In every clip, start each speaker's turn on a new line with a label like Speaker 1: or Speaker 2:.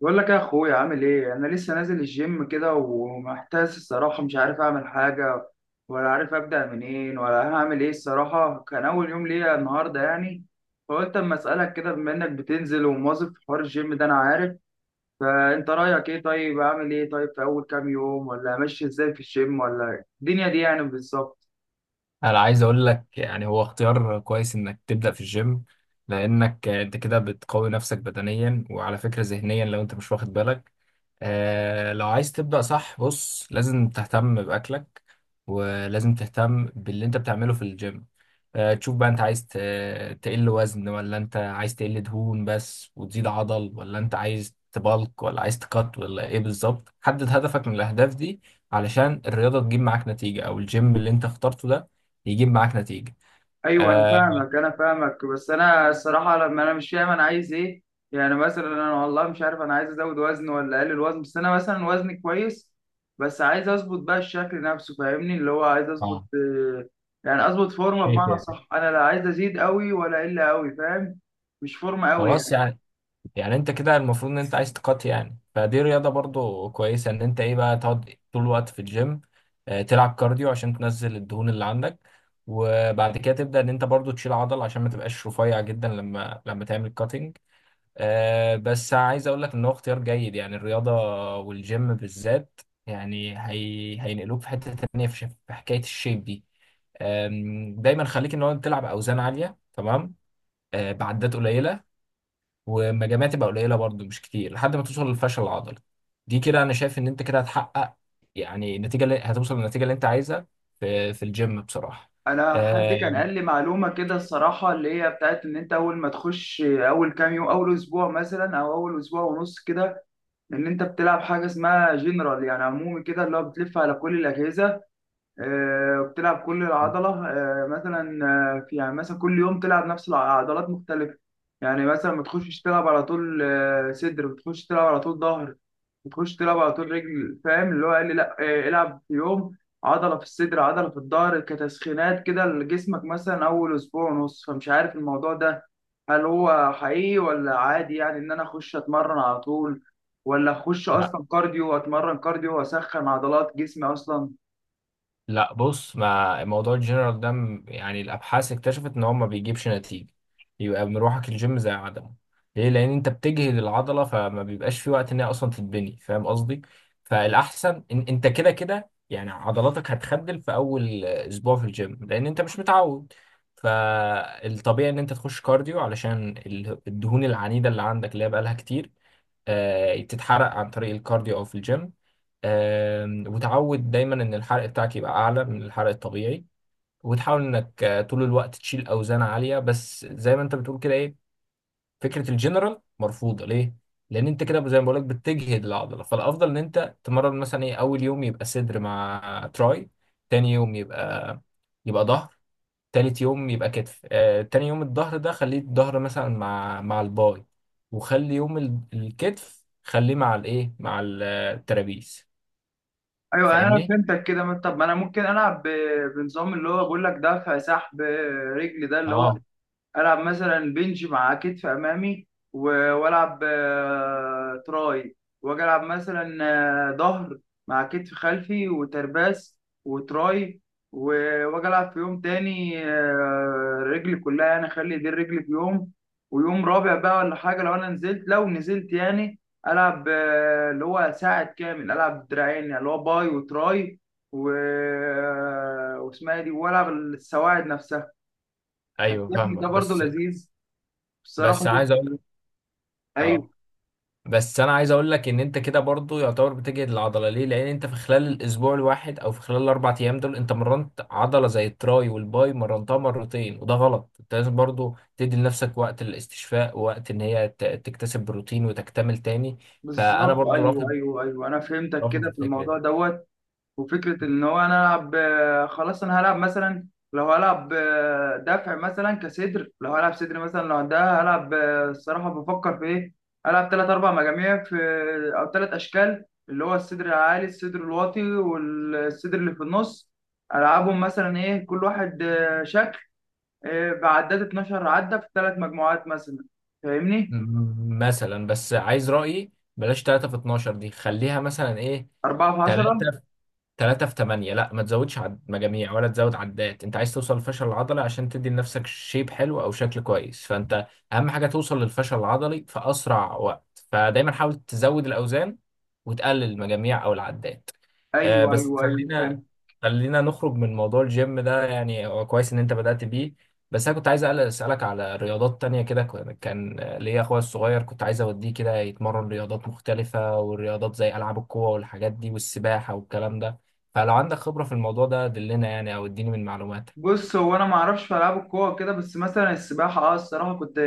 Speaker 1: بقول لك يا اخويا، عامل ايه؟ انا لسه نازل الجيم كده ومحتاس الصراحه، مش عارف اعمل حاجه ولا عارف ابدا منين ولا هعمل ايه الصراحه. كان اول يوم ليا النهارده يعني، فقلت اما اسالك كده بما انك بتنزل ومواظب في حوار الجيم ده، انا عارف. فانت رايك ايه؟ طيب اعمل ايه؟ طيب في اول كام يوم، ولا امشي ازاي في الجيم ولا الدنيا دي يعني بالظبط؟
Speaker 2: انا عايز اقول لك يعني هو اختيار كويس انك تبدا في الجيم. لانك انت كده بتقوي نفسك بدنيا وعلى فكره ذهنيا لو انت مش واخد بالك. لو عايز تبدا صح، بص لازم تهتم باكلك، ولازم تهتم باللي انت بتعمله في الجيم. تشوف بقى، انت عايز تقل وزن، ولا انت عايز تقل دهون بس وتزيد عضل، ولا انت عايز تبلك، ولا عايز تقط، ولا ايه بالظبط؟ حدد هدفك من الاهداف دي علشان الرياضه تجيب معاك نتيجه، او الجيم اللي انت اخترته ده يجيب معاك نتيجة.
Speaker 1: ايوه انا
Speaker 2: آه.
Speaker 1: فاهمك انا فاهمك، بس انا الصراحه لما انا مش فاهم انا عايز ايه. يعني مثلا انا والله مش عارف انا عايز ازود وزن ولا اقلل وزن، بس انا مثلا وزني كويس، بس عايز اظبط بقى الشكل نفسه، فاهمني؟ اللي هو عايز اظبط
Speaker 2: اه.
Speaker 1: يعني اظبط فورمه،
Speaker 2: شايف
Speaker 1: بمعنى
Speaker 2: يعني.
Speaker 1: صح انا لا عايز ازيد قوي ولا اقل قوي، فاهم؟ مش فورمه قوي
Speaker 2: خلاص
Speaker 1: يعني.
Speaker 2: يعني انت كده المفروض ان انت عايز تقات، يعني فدي رياضة برضو كويسة ان انت ايه بقى تقعد طول الوقت في الجيم. تلعب كارديو عشان تنزل الدهون اللي عندك، وبعد كده تبدأ ان انت برضو تشيل عضل عشان ما تبقاش رفيع جدا لما تعمل كاتنج. بس عايز اقول لك ان هو اختيار جيد، يعني الرياضة والجيم بالذات. يعني هينقلوك في حتة تانية في في حكاية الشيب دي. دايما خليك ان هو تلعب اوزان عاليه تمام. بعدات قليله ومجاميع تبقى قليله برضو، مش كتير، لحد ما توصل للفشل العضلي. دي كده انا شايف ان انت كده هتحقق، يعني النتيجه، اللي هتوصل للنتيجه اللي انت عايزها، في الجيم بصراحه.
Speaker 1: انا حد
Speaker 2: آه.
Speaker 1: كان قال لي معلومه كده الصراحه، اللي هي بتاعت ان انت اول ما تخش اول كام يوم، اول اسبوع مثلا او اول اسبوع ونص كده، ان انت بتلعب حاجه اسمها جنرال، يعني عمومي كده، اللي هو بتلف على كل الاجهزه، وبتلعب كل
Speaker 2: مم.
Speaker 1: العضله، مثلا. في يعني مثلا كل يوم تلعب نفس العضلات مختلفه. يعني مثلا ما تخشش تلعب على طول صدر، بتخش تلعب على طول ظهر، بتخش تلعب على طول رجل، فاهم؟ اللي هو قال لي لا، العب في يوم عضله في الصدر، عضله في الظهر، كتسخينات كده لجسمك مثلا اول اسبوع ونص. فمش عارف الموضوع ده هل هو حقيقي ولا عادي يعني، ان انا اخش اتمرن على طول، ولا اخش اصلا كارديو، اتمرن كارديو واسخن عضلات جسمي اصلا.
Speaker 2: لا، بص، ما موضوع الجنرال ده يعني الابحاث اكتشفت ان هو ما بيجيبش نتيجه، يبقى مروحك الجيم زي عدمه. ليه؟ لان انت بتجهد العضله، فما بيبقاش في وقت ان هي اصلا تتبني، فاهم قصدي؟ فالاحسن إن انت كده كده يعني عضلاتك هتخدل في اول اسبوع في الجيم، لان انت مش متعود. فالطبيعي ان انت تخش كارديو علشان الدهون العنيده اللي عندك، اللي هي بقالها كتير. تتحرق عن طريق الكارديو او في الجيم. وتعود دايما ان الحرق بتاعك يبقى اعلى من الحرق الطبيعي. وتحاول انك طول الوقت تشيل اوزان عاليه، بس زي ما انت بتقول كده، ايه. فكره الجنرال مرفوضه. ليه؟ لان انت كده زي ما بقولك بتجهد العضله. فالافضل ان انت تمرن مثلا ايه، اول يوم يبقى صدر مع تراي، تاني يوم يبقى ظهر. تالت يوم يبقى كتف. تاني يوم الظهر ده خليه الظهر مثلا مع الباي. وخلي يوم الكتف خليه مع الايه، مع الترابيز.
Speaker 1: ايوه يعني انا
Speaker 2: فاهمني؟
Speaker 1: فهمتك كده. طب ما انا ممكن العب بنظام اللي هو بقول لك دفع سحب رجل، ده اللي هو
Speaker 2: اه.
Speaker 1: العب مثلا بنج مع كتف امامي، والعب تراي، واجي العب مثلا ظهر مع كتف خلفي وترباس وتراي، واجي العب في يوم تاني رجلي كلها، يعني اخلي دي الرجل في يوم، ويوم رابع بقى ولا حاجه لو انا نزلت، لو نزلت يعني، العب اللي هو ساعد كامل، العب دراعين يعني، اللي هو باي وتراي، و... آه، واسمها إيه دي، والعب السواعد نفسها. أنا
Speaker 2: ايوه
Speaker 1: شايف إن
Speaker 2: فاهمك.
Speaker 1: ده برضه
Speaker 2: بس
Speaker 1: لذيذ
Speaker 2: بس
Speaker 1: بصراحة.
Speaker 2: عايز اقول.
Speaker 1: أيوه.
Speaker 2: اه. بس انا عايز اقول لك ان انت كده برضو يعتبر بتجهد العضله. ليه؟ لان انت في خلال الاسبوع الواحد او في خلال الاربع ايام دول، انت مرنت عضله زي التراي والباي مرنتها مرتين، وده غلط. انت لازم برضو تدي لنفسك وقت للاستشفاء، ووقت ان هي تكتسب بروتين وتكتمل تاني. فانا
Speaker 1: بالظبط،
Speaker 2: برضو
Speaker 1: أيوه،
Speaker 2: رافض،
Speaker 1: أيوه، أيوه، أنا فهمتك
Speaker 2: رافض
Speaker 1: كده في
Speaker 2: الفكره
Speaker 1: الموضوع
Speaker 2: دي.
Speaker 1: دوت. وفكرة إن هو أنا ألعب خلاص أنا هلعب مثلا، لو هلعب دفع مثلا كصدر، لو هلعب صدر مثلا، لو ده هلعب الصراحة بفكر في إيه. هلعب تلات أربع مجاميع في أو تلات أشكال، اللي هو الصدر العالي، الصدر الواطي، والصدر اللي في النص. ألعبهم مثلا إيه كل واحد شكل بعداد 12 عدة في تلات مجموعات مثلا، فاهمني؟
Speaker 2: مثلا، بس عايز رايي، بلاش 3 في 12 دي، خليها مثلا ايه.
Speaker 1: أربعة في 10.
Speaker 2: 3، 3 في 8. لا، ما تزودش مجاميع، ولا تزود عدات، انت عايز توصل للفشل العضلي عشان تدي لنفسك شيب حلو او شكل كويس. فانت، اهم حاجه توصل للفشل العضلي في اسرع وقت، فدايما حاول تزود الاوزان، وتقلل المجاميع او العدات.
Speaker 1: ايوه،
Speaker 2: بس
Speaker 1: ايوه، ايوه، فهمت.
Speaker 2: خلينا نخرج من موضوع الجيم ده، يعني هو كويس ان انت بدأت بيه. بس انا كنت عايز اسالك على رياضات تانية، كده كان ليا اخويا الصغير، كنت عايز اوديه كده يتمرن رياضات مختلفة، والرياضات زي العاب القوة والحاجات دي والسباحة والكلام ده. فلو عندك خبرة في الموضوع ده دلنا يعني، او اديني من معلوماتك.
Speaker 1: بص هو انا ما اعرفش في العاب القوه كده، بس مثلا السباحه، اه الصراحه، كنت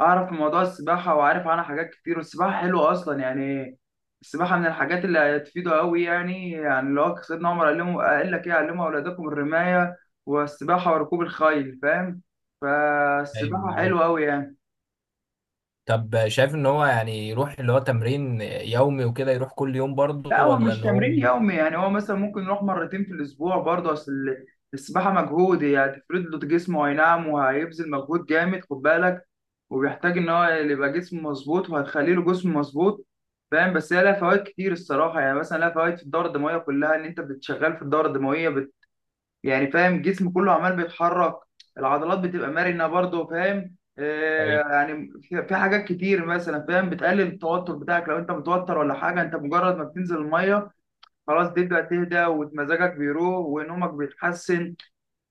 Speaker 1: اعرف في موضوع السباحه وعارف عنها حاجات كتير، والسباحه حلوه اصلا يعني. السباحه من الحاجات اللي هتفيده قوي يعني لو سيدنا عمر علمه قال لك ايه؟ علموا اولادكم الرمايه والسباحه وركوب الخيل، فاهم؟
Speaker 2: ايوه
Speaker 1: فالسباحه
Speaker 2: مظبوط.
Speaker 1: حلوه قوي يعني.
Speaker 2: طب، شايف ان هو يعني يروح اللي هو تمرين يومي وكده، يروح كل يوم
Speaker 1: لا
Speaker 2: برضه،
Speaker 1: هو
Speaker 2: ولا
Speaker 1: مش
Speaker 2: ان هو؟
Speaker 1: تمرين يومي، يعني هو مثلا ممكن يروح مرتين في الاسبوع برضه. اصل السباحه مجهود، يعني هتفرد له جسمه، اي نعم، وهيبذل مجهود جامد، خد بالك. وبيحتاج ان هو اللي يبقى جسمه مظبوط، وهتخلي له جسم مظبوط، فاهم؟ بس هي لها فوائد كتير الصراحه. يعني مثلا لها فوائد في الدوره الدمويه كلها، ان انت بتشغل في الدوره الدمويه. يعني فاهم الجسم كله عمال بيتحرك، العضلات بتبقى مرنه برضه، فاهم؟
Speaker 2: طيب.
Speaker 1: يعني في حاجات كتير مثلا، فاهم؟ بتقلل التوتر بتاعك لو انت متوتر ولا حاجه. انت مجرد ما بتنزل الميه خلاص تبدأ تهدى، ومزاجك بيروح، ونومك بيتحسن،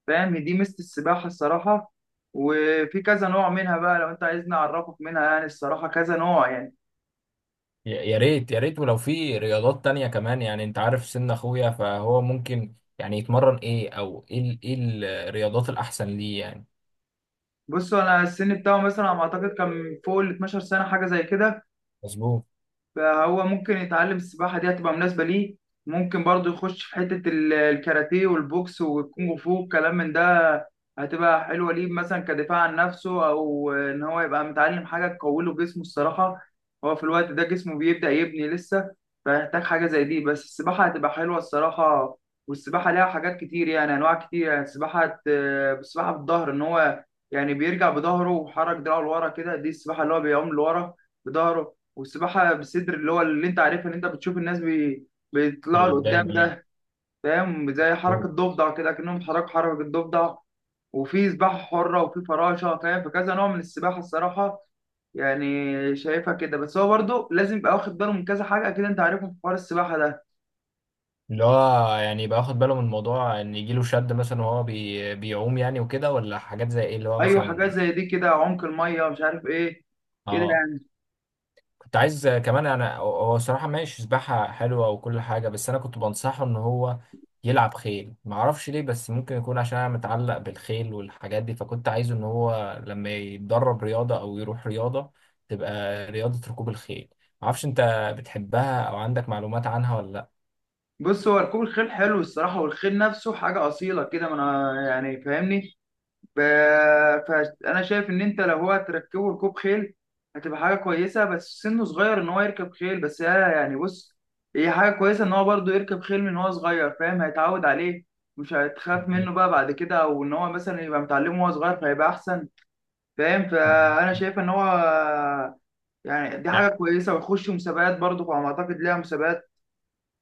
Speaker 1: فاهم؟ دي ميزة السباحة الصراحة. وفي كذا نوع منها بقى لو انت عايزني اعرفك منها، يعني الصراحة كذا نوع يعني.
Speaker 2: يا ريت يا ريت، ولو في رياضات تانية كمان، يعني انت عارف سن اخويا، فهو ممكن يعني يتمرن ايه، او ايه ايه الرياضات الاحسن ليه يعني؟
Speaker 1: بصوا، انا السن بتاعه مثلا على ما اعتقد كان فوق ال 12 سنة، حاجة زي كده.
Speaker 2: مظبوط.
Speaker 1: فهو ممكن يتعلم السباحة، دي هتبقى مناسبة ليه. ممكن برضه يخش في حتة الكاراتيه والبوكس والكونغ فو والكلام من ده. هتبقى حلوة ليه، مثلا كدفاع عن نفسه، أو إن هو يبقى متعلم حاجة تقوي له جسمه الصراحة. هو في الوقت ده جسمه بيبدأ يبني لسه، فيحتاج حاجة زي دي. بس السباحة هتبقى حلوة الصراحة. والسباحة ليها حاجات كتير، يعني أنواع كتير يعني. السباحة بالظهر إن هو يعني بيرجع بظهره، وحرك دراعه لورا كده، دي السباحة اللي هو بيعوم لورا بظهره. والسباحة بالصدر اللي هو اللي انت عارفها، اللي انت بتشوف الناس
Speaker 2: اللي
Speaker 1: بيطلعوا لقدام
Speaker 2: قدام، ايوه،
Speaker 1: ده، فاهم؟ زي حركة
Speaker 2: مظبوط.
Speaker 1: ضفدع كده، كأنهم حركوا حركة الضفدع. وفي سباحة حرة وفي فراشة، فاهم؟ فكذا نوع من السباحة الصراحة، يعني شايفها كده. بس هو برضه لازم يبقى واخد باله من كذا حاجة، أكيد أنت عارفهم في حوار السباحة ده.
Speaker 2: اللي هو يعني يبقى واخد باله من الموضوع ان يجيله شد مثلا وهو بيعوم يعني، وكده، ولا حاجات زي ايه اللي هو
Speaker 1: أيوة، حاجات
Speaker 2: مثلا؟
Speaker 1: زي دي كده، عمق المية مش عارف إيه كده
Speaker 2: اه.
Speaker 1: يعني.
Speaker 2: كنت عايز كمان، انا هو صراحة ماشي، سباحة حلوة وكل حاجة، بس انا كنت بنصحه ان هو يلعب خيل. معرفش ليه، بس ممكن يكون عشان انا متعلق بالخيل والحاجات دي، فكنت عايزه ان هو لما يتدرب رياضة او يروح رياضة، تبقى رياضة ركوب الخيل. معرفش انت بتحبها او عندك معلومات عنها ولا؟
Speaker 1: بص هو ركوب الخيل حلو الصراحة، والخيل نفسه حاجة أصيلة كده، ما أنا يعني فاهمني. ب- فانا شايف ان انت لو هو هتركبه ركوب خيل، هتبقى حاجه كويسه. بس سنه صغير ان هو يركب خيل، بس هي يعني، بص، هي حاجه كويسه ان هو برضه يركب خيل من هو صغير، فاهم؟ هيتعود عليه، مش هتخاف منه بقى بعد كده، او ان هو مثلا يبقى متعلمه وهو صغير فهيبقى احسن، فاهم؟
Speaker 2: لا
Speaker 1: فانا شايف ان هو يعني دي حاجه كويسه، ويخش مسابقات برضه، على ما اعتقد ليها مسابقات.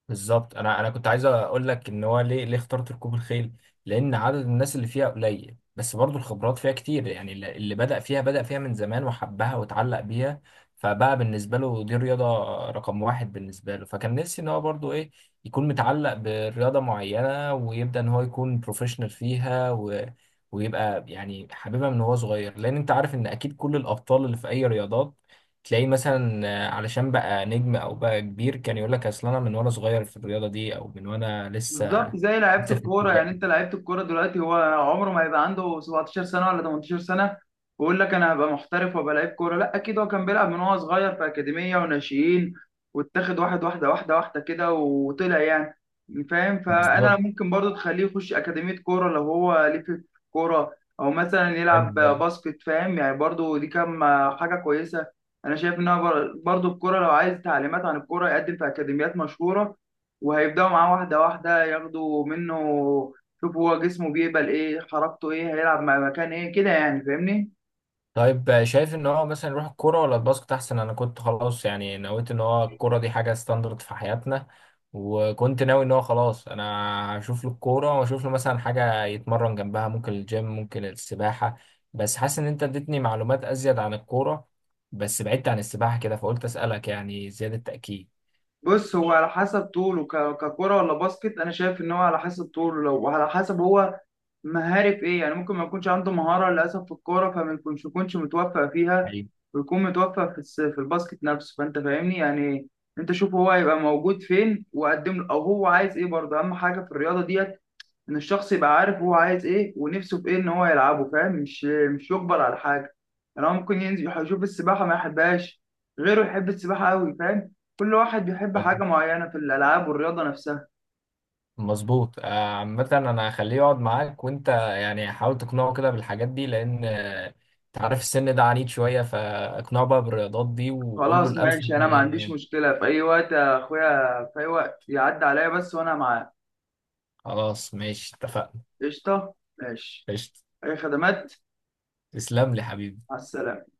Speaker 2: بالظبط. انا كنت عايز اقول لك ان هو ليه ليه اخترت ركوب الخيل. لان عدد الناس اللي فيها قليل، بس برضو الخبرات فيها كتير، يعني اللي بدأ فيها بدأ فيها من زمان وحبها واتعلق بيها. فبقى بالنسبه له دي رياضه رقم واحد بالنسبه له، فكان نفسي ان هو برضو ايه، يكون متعلق برياضه معينه، ويبدأ ان هو يكون بروفيشنال فيها ويبقى يعني حاببها من هو صغير. لان انت عارف ان اكيد كل الابطال اللي في اي رياضات، تلاقيه مثلا علشان بقى نجم او بقى كبير، كان يقول لك اصل انا من وانا صغير في الرياضه دي، او من وانا
Speaker 1: بالظبط،
Speaker 2: لسه
Speaker 1: زي لعيبه
Speaker 2: لسه في
Speaker 1: الكوره
Speaker 2: ابتدائي.
Speaker 1: يعني. انت لعيبه الكوره دلوقتي هو عمره ما هيبقى عنده 17 سنه ولا 18 سنه ويقول لك انا هبقى محترف وابقى لعيب كوره، لا، اكيد هو كان بيلعب من وهو صغير في اكاديميه وناشئين، واتاخد واحد واحده واحده واحده كده وطلع يعني، فاهم؟ فانا
Speaker 2: بالظبط.
Speaker 1: ممكن برضو تخليه يخش اكاديميه كوره لو هو ليه في الكوره، او مثلا
Speaker 2: حلو
Speaker 1: يلعب
Speaker 2: برضه.
Speaker 1: باسكت، فاهم يعني؟ برضو دي كام حاجه كويسه. انا شايف انها برضو الكوره، لو عايز تعليمات عن الكوره يقدم في اكاديميات مشهوره، وهيبداوا معاه واحده واحده ياخدوا منه، شوفوا هو جسمه بيقبل ايه، حركته ايه، هيلعب مع مكان ايه كده، يعني فاهمني؟
Speaker 2: طيب. شايف ان هو مثلا يروح الكوره ولا الباسكت احسن؟ انا كنت خلاص يعني نويت ان هو الكوره دي حاجه ستاندرد في حياتنا، وكنت ناوي ان هو خلاص انا هشوف له الكوره، واشوف له مثلا حاجه يتمرن جنبها، ممكن الجيم، ممكن السباحه. بس حاسس ان انت اديتني معلومات ازيد عن الكوره، بس بعدت عن السباحه كده، فقلت اسالك يعني زياده تاكيد.
Speaker 1: بص هو على حسب طوله ككرة ولا باسكت، انا شايف ان هو على حسب طوله لو وعلى حسب هو مهاري في ايه. يعني ممكن ما يكونش عنده مهارة للأسف في الكورة، فما يكونش متوفق فيها، ويكون متوفق في الباسكت نفسه، فأنت فاهمني يعني. أنت شوف هو هيبقى موجود فين وقدم له، أو هو عايز إيه برضه. أهم حاجة في الرياضة ديت ان الشخص يبقى عارف هو عايز ايه، ونفسه في ايه ان هو يلعبه، فاهم؟ مش يجبر على حاجه. يعني هو ممكن ينزل يشوف السباحه ما يحبهاش، غيره يحب السباحه قوي، فاهم؟ كل واحد بيحب
Speaker 2: مظبوط،
Speaker 1: حاجه معينه في الالعاب والرياضه نفسها.
Speaker 2: مظبوط. عامة أنا هخليه يقعد معاك، وأنت يعني حاول تقنعه كده بالحاجات دي، لأن أنت عارف السن ده عنيد شوية، فاقنعه بقى بالرياضات دي، وقول له
Speaker 1: خلاص
Speaker 2: الأمثل
Speaker 1: ماشي، انا
Speaker 2: دي
Speaker 1: ما
Speaker 2: إيه
Speaker 1: عنديش
Speaker 2: يعني.
Speaker 1: مشكله في اي وقت يا اخويا، في اي وقت يعدي عليا بس وانا معاه.
Speaker 2: خلاص ماشي اتفقنا.
Speaker 1: قشطه ماشي.
Speaker 2: قشطة.
Speaker 1: اي خدمات.
Speaker 2: تسلم لي حبيبي.
Speaker 1: مع السلامه.